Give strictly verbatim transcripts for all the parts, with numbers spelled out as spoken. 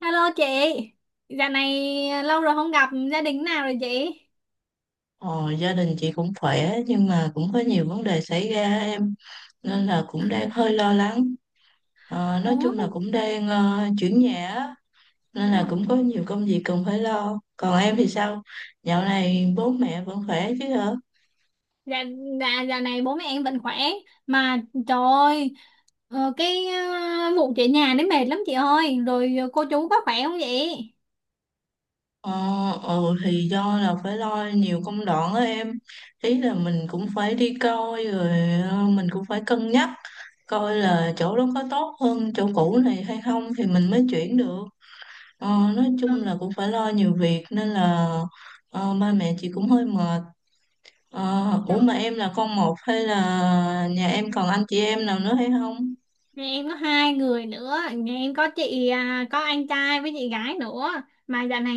Hello chị, dạo này lâu rồi không gặp gia đình nào rồi chị? Ờ, Gia đình chị cũng khỏe nhưng mà cũng có nhiều vấn đề xảy ra em, nên là cũng đang hơi lo lắng. Ờ, nói Ủa, chung là cũng đang ờ, chuyển nhà á, nên là cũng có nhiều công việc cần phải lo. Còn em thì sao, dạo này bố mẹ vẫn khỏe chứ hả? dạ, dạ, dạo này bố mẹ em vẫn khỏe. Mà trời ơi, ờ, cái ờ, vụ chị nhà đấy mệt lắm chị ơi. Rồi cô chú có khỏe không vậy? ờ, ờ thì do là phải lo nhiều công đoạn á em, ý là mình cũng phải đi coi rồi, ờ, mình cũng phải cân nhắc coi là chỗ đó có tốt hơn chỗ cũ này hay không thì mình mới chuyển được. Ờ, nói chung Ừ. là cũng phải lo nhiều việc nên là ờ, ba mẹ chị cũng hơi mệt. Ờ, ủa Dạ. mà em là con một hay là nhà em còn anh chị em nào nữa hay không? Nhà em có hai người nữa, nhà em có chị, à, có anh trai với chị gái nữa. Mà dạo này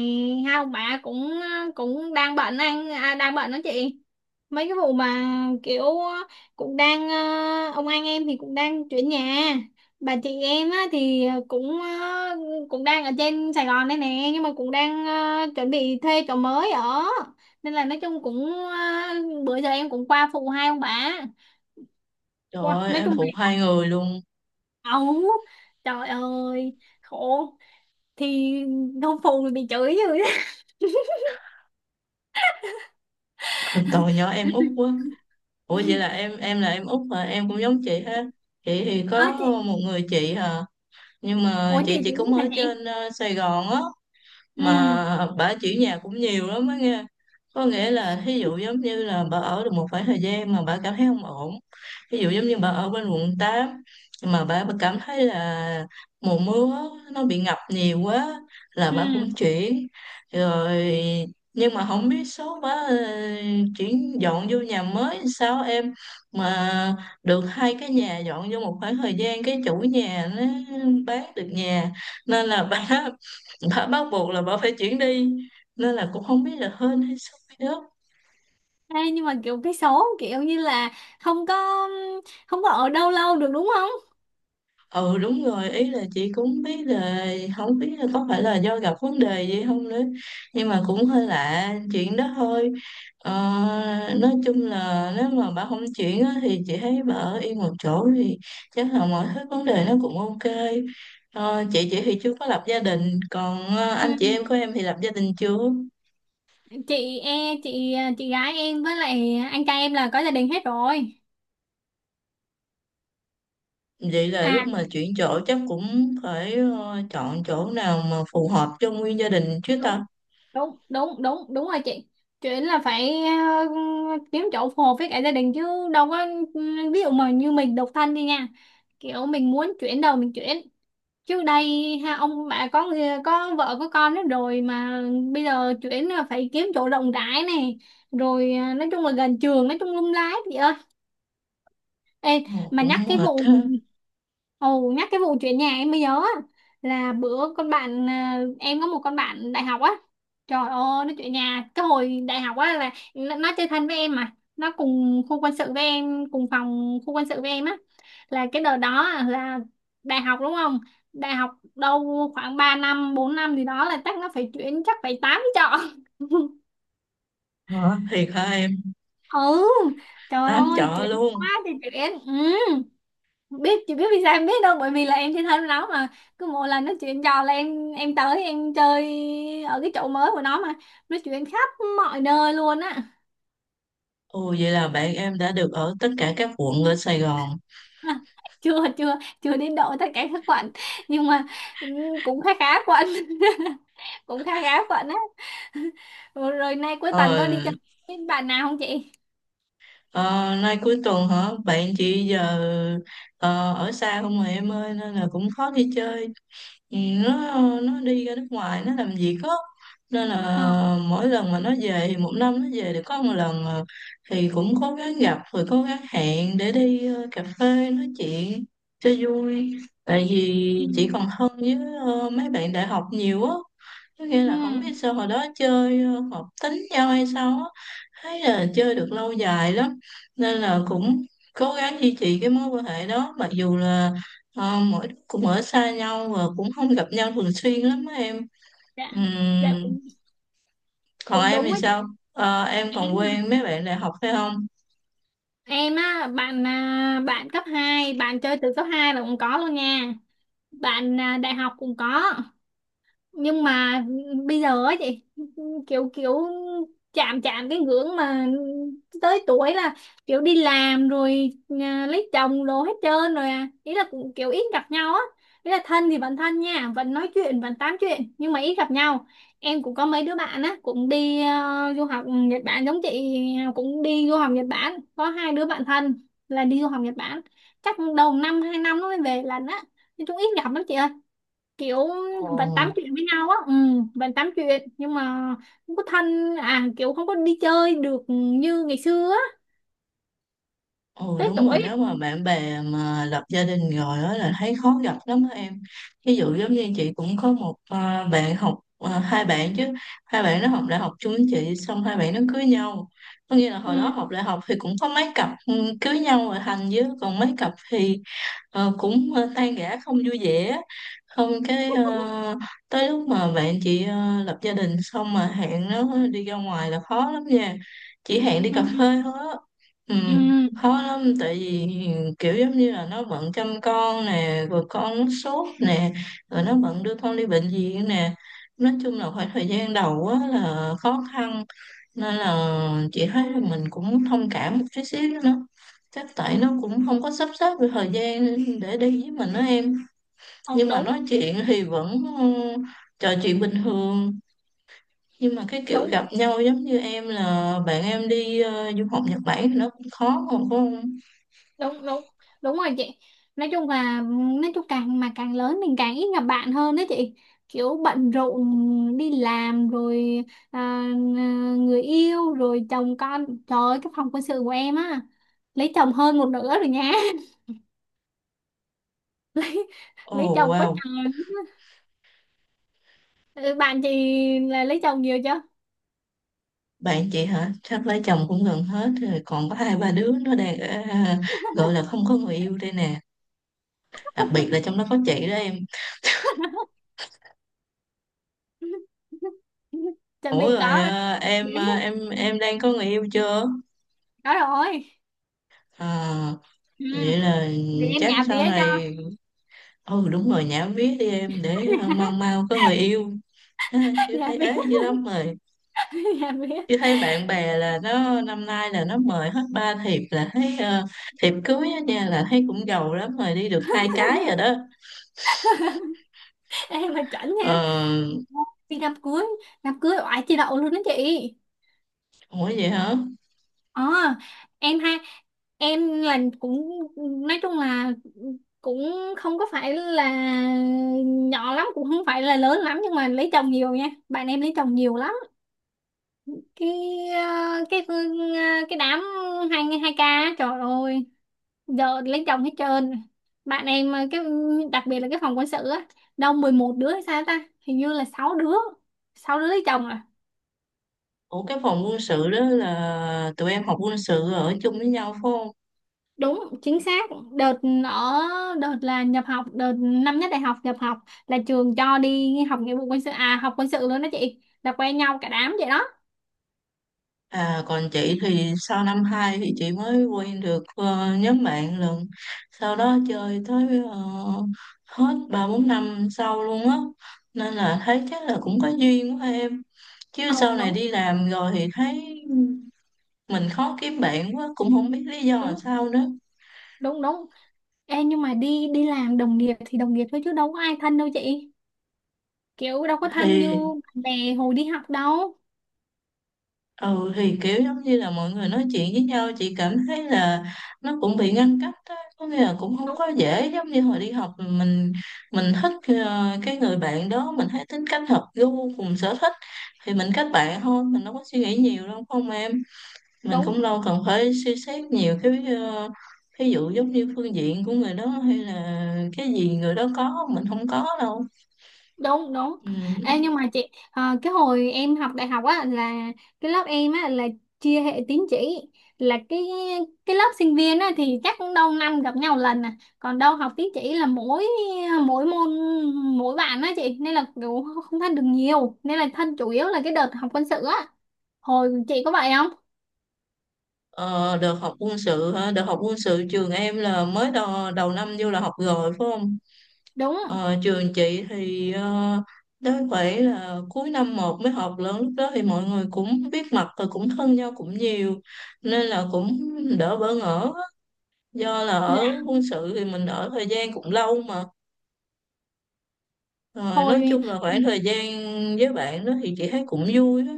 hai ông bà cũng ờ, cũng đang bệnh anh à, đang bệnh đó chị, mấy cái vụ mà kiểu ờ, cũng đang ờ, ông anh em thì cũng đang chuyển nhà. Bà chị em á, thì cũng ờ, cũng đang ở trên Sài Gòn đây nè, nhưng mà cũng đang ờ, chuẩn bị thuê chỗ mới ở, nên là nói chung cũng ờ, bữa giờ em cũng qua phụ hai ông bà Trời qua. ơi, Nói em chung phụ là hai người luôn. ấu, trời ơi khổ, thì không phụ thì bị chửi rồi đó. Tội nhỏ em út quá. Ủa vậy là em em là em út mà em cũng giống chị ha. Chị thì có Ờ, chị. một người chị hả? Nhưng mà Ủa chị chị chị cũng cũng hả ở chị? trên ờ, Sài Gòn á, Ừ. mà bà chuyển nhà cũng nhiều lắm á nghe. Có nghĩa là thí dụ giống như là bà ở được một khoảng thời gian mà bà cảm thấy không ổn, ví dụ giống như bà ở bên quận tám mà bà, bà cảm thấy là mùa mưa nó bị ngập nhiều quá là Ừ. bà cũng chuyển rồi. Nhưng mà không biết số bà ờ, chuyển dọn vô nhà mới sao em, mà được hai cái nhà dọn vô một khoảng thời gian cái chủ nhà nó bán được nhà, nên là bà bà bắt buộc là bà phải chuyển đi, nên là cũng không biết là hên hay xui nữa. Ê, nhưng mà kiểu cái số kiểu như là không có không có ở đâu lâu được đúng không? Ừ đúng rồi, ý là chị cũng biết là không biết là có phải là do gặp vấn đề gì không nữa, nhưng mà cũng hơi lạ chuyện đó thôi. ờ, nói chung là nếu mà bà không chuyển á, thì chị thấy bà ở yên một chỗ thì chắc là mọi thứ vấn đề nó cũng ok. ờ, chị chị thì chưa có lập gia đình, còn ờ, anh chị Ừ. em của em thì lập gia đình chưa? Chị e chị chị gái em với lại anh trai em là có gia đình hết rồi. Vậy là lúc À, mà chuyển chỗ chắc cũng phải ờ, chọn chỗ nào mà phù hợp cho nguyên gia đình chứ đúng ta. đúng đúng đúng đúng rồi chị. Chuyện là phải ờ, kiếm chỗ phù hợp với cả gia đình, chứ đâu có. Ví dụ mà như mình độc thân đi nha. Kiểu mình muốn chuyển đầu mình chuyển, trước đây ha, ông bà có người- có vợ có con hết rồi mà bây giờ chuyển là phải kiếm chỗ rộng rãi này, rồi à, nói chung là gần trường, nói chung lung lái chị ơi. Ê, Ờ, mà cũng nhắc cái mệt vụ ha. ồ nhắc cái vụ chuyển nhà em mới nhớ á, là bữa con bạn, à, em có một con bạn đại học á. Trời ơi nó chuyển nhà cái hồi đại học á, là nó nó chơi thân với em, mà nó cùng khu quân sự với em, cùng phòng khu quân sự với em á. Là cái đợt đó là đại học đúng không, đại học đâu khoảng ba năm bốn năm gì đó, là chắc nó phải chuyển, chắc phải tám trọ. Hả? Thiệt hả em? Ừ. Trời Tám ơi chợ chuyển luôn. quá thì chuyển. Ừ. Biết, chị biết vì sao em biết đâu, bởi vì là em trên thân nó mà cứ mỗi lần nó chuyện trò là em em tới em chơi ở cái chỗ mới của nó, mà nó chuyện khắp mọi nơi luôn á. Ồ vậy là bạn em đã được ở tất cả các quận ở Sài Gòn. À. Chưa, chưa chưa đến độ tất cả các quận, nhưng mà ừm, cũng khá khá quận. Cũng khá khá quận á. Rồi, rồi nay cuối tuần Ờ, có đi chơi với bạn nào không chị? ờ, nay cuối tuần hả? Bạn chị giờ ờ, ở xa không mà em ơi, nên là cũng khó đi chơi. Ừ, nó nó đi ra nước ngoài nó làm việc á, nên Ờ. là mỗi lần mà nó về một năm nó về được có một lần à, thì cũng cố gắng gặp rồi cố gắng hẹn để đi ờ, cà phê nói chuyện cho vui, tại Ừ. vì chị còn thân với ờ, mấy bạn đại học nhiều á. Có nghĩa Ừ. là không biết sao hồi đó chơi ờ, hợp tính nhau hay sao á, thấy là chơi được lâu dài lắm, nên là cũng cố gắng duy trì cái mối quan hệ đó mặc dù là ờ, mỗi đứa cũng ở xa nhau và cũng không gặp nhau thường xuyên lắm á em. Dạ. Dạ. Ừm, cũng còn cũng em đúng thì á chị sao? Ờ, em còn em. quen mấy bạn đại học phải không? Em á, bạn, à, bạn cấp hai, bạn chơi từ cấp hai là cũng có luôn nha. Bạn, à, đại học cũng có, nhưng mà bây giờ á chị, kiểu kiểu chạm chạm cái ngưỡng mà tới tuổi là kiểu đi làm rồi, à, lấy chồng đồ hết trơn rồi, à ý là cũng kiểu ít gặp nhau á. Ý là thân thì vẫn thân nha, vẫn nói chuyện vẫn tám chuyện nhưng mà ít gặp nhau. Em cũng có mấy đứa bạn á cũng đi ờ, du học Nhật Bản giống chị, cũng đi du học Nhật Bản, có hai đứa bạn thân là đi du học Nhật Bản. Chắc đầu năm hai năm nó mới về lần á, nói chung ít gặp lắm chị kiểu. Vẫn tám Ồ. chuyện với nhau á, ừ, vẫn tám chuyện nhưng mà không có thân, à kiểu không có đi chơi được như ngày xưa á. Ừ Tới đúng rồi, tuổi. nếu mà bạn bè mà lập gia đình rồi đó là thấy khó gặp lắm á em. Ví dụ giống như chị cũng có một à, bạn học à, hai bạn chứ, hai bạn nó học đại học chung với chị xong hai bạn nó cưới nhau. Có nghĩa là hồi Ừ. đó học đại học thì cũng có mấy cặp ừ, cưới nhau rồi thành, chứ còn mấy cặp thì ờ, cũng ờ, tan rã không vui vẻ. Không cái ờ, tới lúc mà bạn chị ờ, lập gia đình xong mà hẹn nó đi ra ngoài là khó lắm nha, chỉ hẹn đi cà phê Ừ. thôi á. Ừ, Ừ. khó lắm tại vì kiểu giống như là nó bận chăm con nè, rồi con sốt nè, rồi nó bận đưa con đi bệnh viện nè. Nói chung là khoảng thời gian đầu á là khó khăn, nên là chị thấy là mình cũng thông cảm một chút xíu nữa, chắc tại nó cũng không có sắp xếp được thời gian để đi với mình đó em. Ờ, Nhưng mà đúng nói chuyện thì vẫn ừ, trò chuyện bình thường, nhưng mà cái kiểu đúng gặp nhau giống như em là bạn em đi ờ, du học Nhật Bản thì nó cũng khó mà phải không? đúng đúng đúng rồi chị. Nói chung là nói chung càng mà càng lớn mình càng ít gặp bạn hơn đó chị, kiểu bận rộn đi làm rồi, à, à, người yêu rồi chồng con, trời ơi cái phòng quân sự của em á lấy chồng hơn một nửa rồi nha. lấy Ồ lấy chồng quá wow. trời. Ừ, bạn chị là lấy chồng nhiều chưa? Bạn chị hả? Chắc lấy chồng cũng gần hết rồi, còn có hai ba đứa nó đang ở, à, gọi là không có người yêu đây nè. Đặc biệt là trong đó có chị đó em. Chuẩn bị Ủa rồi có. à, em Bé, à, em em đang có người yêu chưa? có rồi. À, Ừ. vậy là Để em chắc nhà vía sau cho. này ừ đúng rồi, nhảm viết đi em để à, mau mau có người yêu. Ha, chứ Nhà thấy vía. ế dữ lắm rồi. Nhà vía. Chứ thấy bạn bè là nó năm nay là nó mời hết ba thiệp, là thấy à, thiệp cưới á nha, là thấy cũng giàu lắm rồi, đi được hai cái rồi đó. Em mà chuẩn nha, Ờ, đi đám cưới, đám cưới oải chị đậu luôn đó chị. ủa vậy hả? ờ em ha, em là cũng nói chung là cũng không có phải là nhỏ lắm, cũng không phải là lớn lắm, nhưng mà lấy chồng nhiều nha, bạn em lấy chồng nhiều lắm. Cái ờ, cái ờ, cái đám hai hai ca, trời ơi giờ lấy chồng hết trơn. Bạn em ờ, cái đặc biệt là cái phòng quân sự á, đâu mười một đứa hay sao ta, hình như là sáu đứa sáu đứa lấy chồng à. Ủa cái phòng quân sự đó là tụi em học quân sự ở chung với nhau phải không? Đúng chính xác đợt, ở, đợt là nhập học, đợt năm nhất đại học nhập học, là trường cho đi học nghĩa vụ quân sự, à học quân sự luôn đó chị, là quen nhau cả đám vậy đó. À còn chị thì sau năm hai thì chị mới quen được ờ, nhóm bạn lần. Sau đó chơi tới ờ, hết ba bốn năm sau luôn á. Nên là thấy chắc là cũng có duyên quá em. Chứ Ờ, sau này đúng đi làm rồi thì thấy mình khó kiếm bạn quá, cũng không biết lý do là đúng sao nữa. đúng đúng. Ê, nhưng mà đi đi làm đồng nghiệp thì đồng nghiệp thôi chứ đâu có ai thân đâu chị, kiểu đâu có thân như Thì bạn bè hồi đi học đâu. ừ thì kiểu giống như là mọi người nói chuyện với nhau chị cảm thấy là nó cũng bị ngăn cách đó. Có nghĩa là cũng không Đúng có dễ giống như hồi đi học, mình mình thích ờ, cái người bạn đó mình thấy tính cách hợp gu cùng sở thích thì mình kết bạn thôi, mình đâu có suy nghĩ nhiều đâu không em. Mình cũng đúng đâu cần phải suy xét nhiều cái uh, ví dụ giống như phương diện của người đó hay là cái gì người đó có mình không có đâu đúng đúng. ừ. Ê, nhưng mà chị ờ, cái hồi em học đại học á là cái lớp em á là chia hệ tín chỉ, là cái cái lớp sinh viên á thì chắc cũng đâu năm gặp nhau lần, à còn đâu học tín chỉ là mỗi mỗi môn mỗi bạn á chị, nên là kiểu không thân được nhiều, nên là thân chủ yếu là cái đợt học quân sự á, hồi chị có vậy không? Ờ, được học quân sự hả? Được học quân sự trường em là mới đầu, đầu năm vô là học rồi phải không? Đúng. Ờ, trường chị thì ờ, đến phải là cuối năm một mới học lớn, lúc đó thì mọi người cũng biết mặt và cũng thân nhau cũng nhiều, nên là cũng đỡ bỡ ngỡ, do là Dạ. ở quân sự thì mình ở thời gian cũng lâu mà. Rồi nói Hồi. chung là khoảng thời gian với bạn đó thì chị thấy cũng vui đó,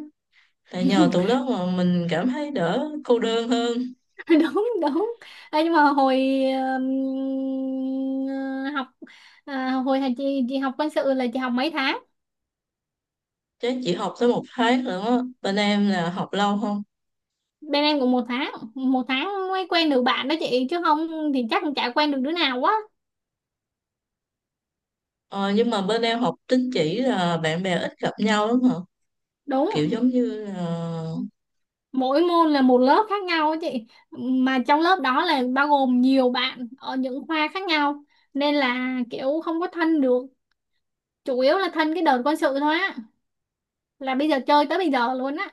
là nhờ tụi đó mà mình cảm thấy đỡ cô đơn hơn. Đúng đúng. Ê, nhưng mà hồi ừm, học, à, hồi thầy chị chị học quân sự là chị học mấy tháng? Chứ chị học tới một tháng nữa á. Bên em là học lâu không? Bên em cũng một tháng, một tháng mới quen được bạn đó chị, chứ không thì chắc cũng chả quen được đứa nào quá. ờ, nhưng mà bên em học tín chỉ là bạn bè ít gặp nhau lắm hả? Kiểu Đúng. giống như là Mỗi môn là một lớp khác nhau á chị, mà trong lớp đó là bao gồm nhiều bạn ở những khoa khác nhau, nên là kiểu không có thân được, chủ yếu là thân cái đợt quân sự thôi á, là bây giờ chơi tới bây giờ luôn á.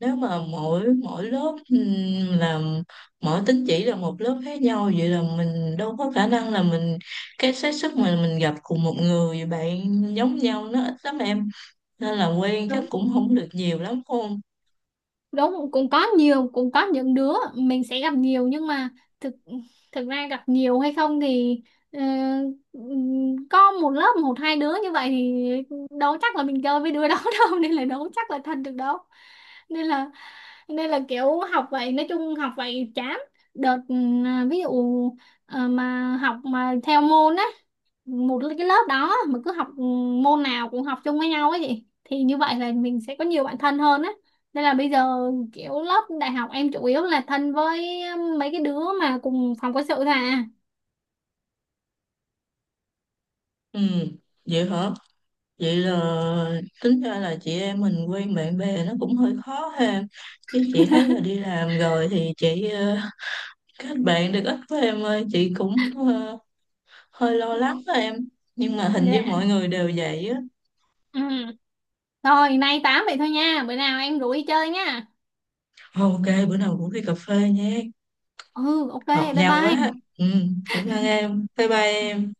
nếu mà mỗi mỗi lớp ừm, làm mỗi tín chỉ là một lớp khác nhau, vậy là mình đâu có khả năng là mình, cái xác suất mà mình gặp cùng một người bạn giống nhau nó ít lắm em, nên là quen chắc cũng không được nhiều lắm phải không? Đúng, cũng có nhiều, cũng có những đứa mình sẽ gặp nhiều, nhưng mà thực thực ra gặp nhiều hay không thì ờ, có một lớp một hai đứa như vậy thì đâu chắc là mình chơi với đứa đó đâu, nên là đâu chắc là thân được đâu. Nên là nên là kiểu học vậy, nói chung học vậy chán đợt, ừ, à, ví dụ ờ, mà học mà theo môn á, một cái lớp đó mà cứ học ừ, môn nào cũng học chung với nhau ấy chị, thì như vậy là mình sẽ có nhiều bạn thân hơn á. Nên là bây giờ kiểu lớp đại học em chủ yếu là thân với mấy cái đứa mà cùng phòng quân sự thôi à. Ừ vậy hả. Vậy là tính ra là chị em mình quen bạn bè nó cũng hơi khó ha. Chứ chị thấy là đi làm rồi thì chị ờ, kết bạn được ít với em ơi. Chị cũng ờ, hơi lo Ừ. lắng đó em. Nhưng mà hình như Dạ. mọi người đều vậy á. Ừ. Rồi, nay tám vậy thôi nha. Bữa nào em rủ đi chơi nha. Ok, bữa nào cũng đi cà phê nha. Ừ, ok, Hợp bye nhau quá. bye. Ừ, cảm ơn em. Bye bye em.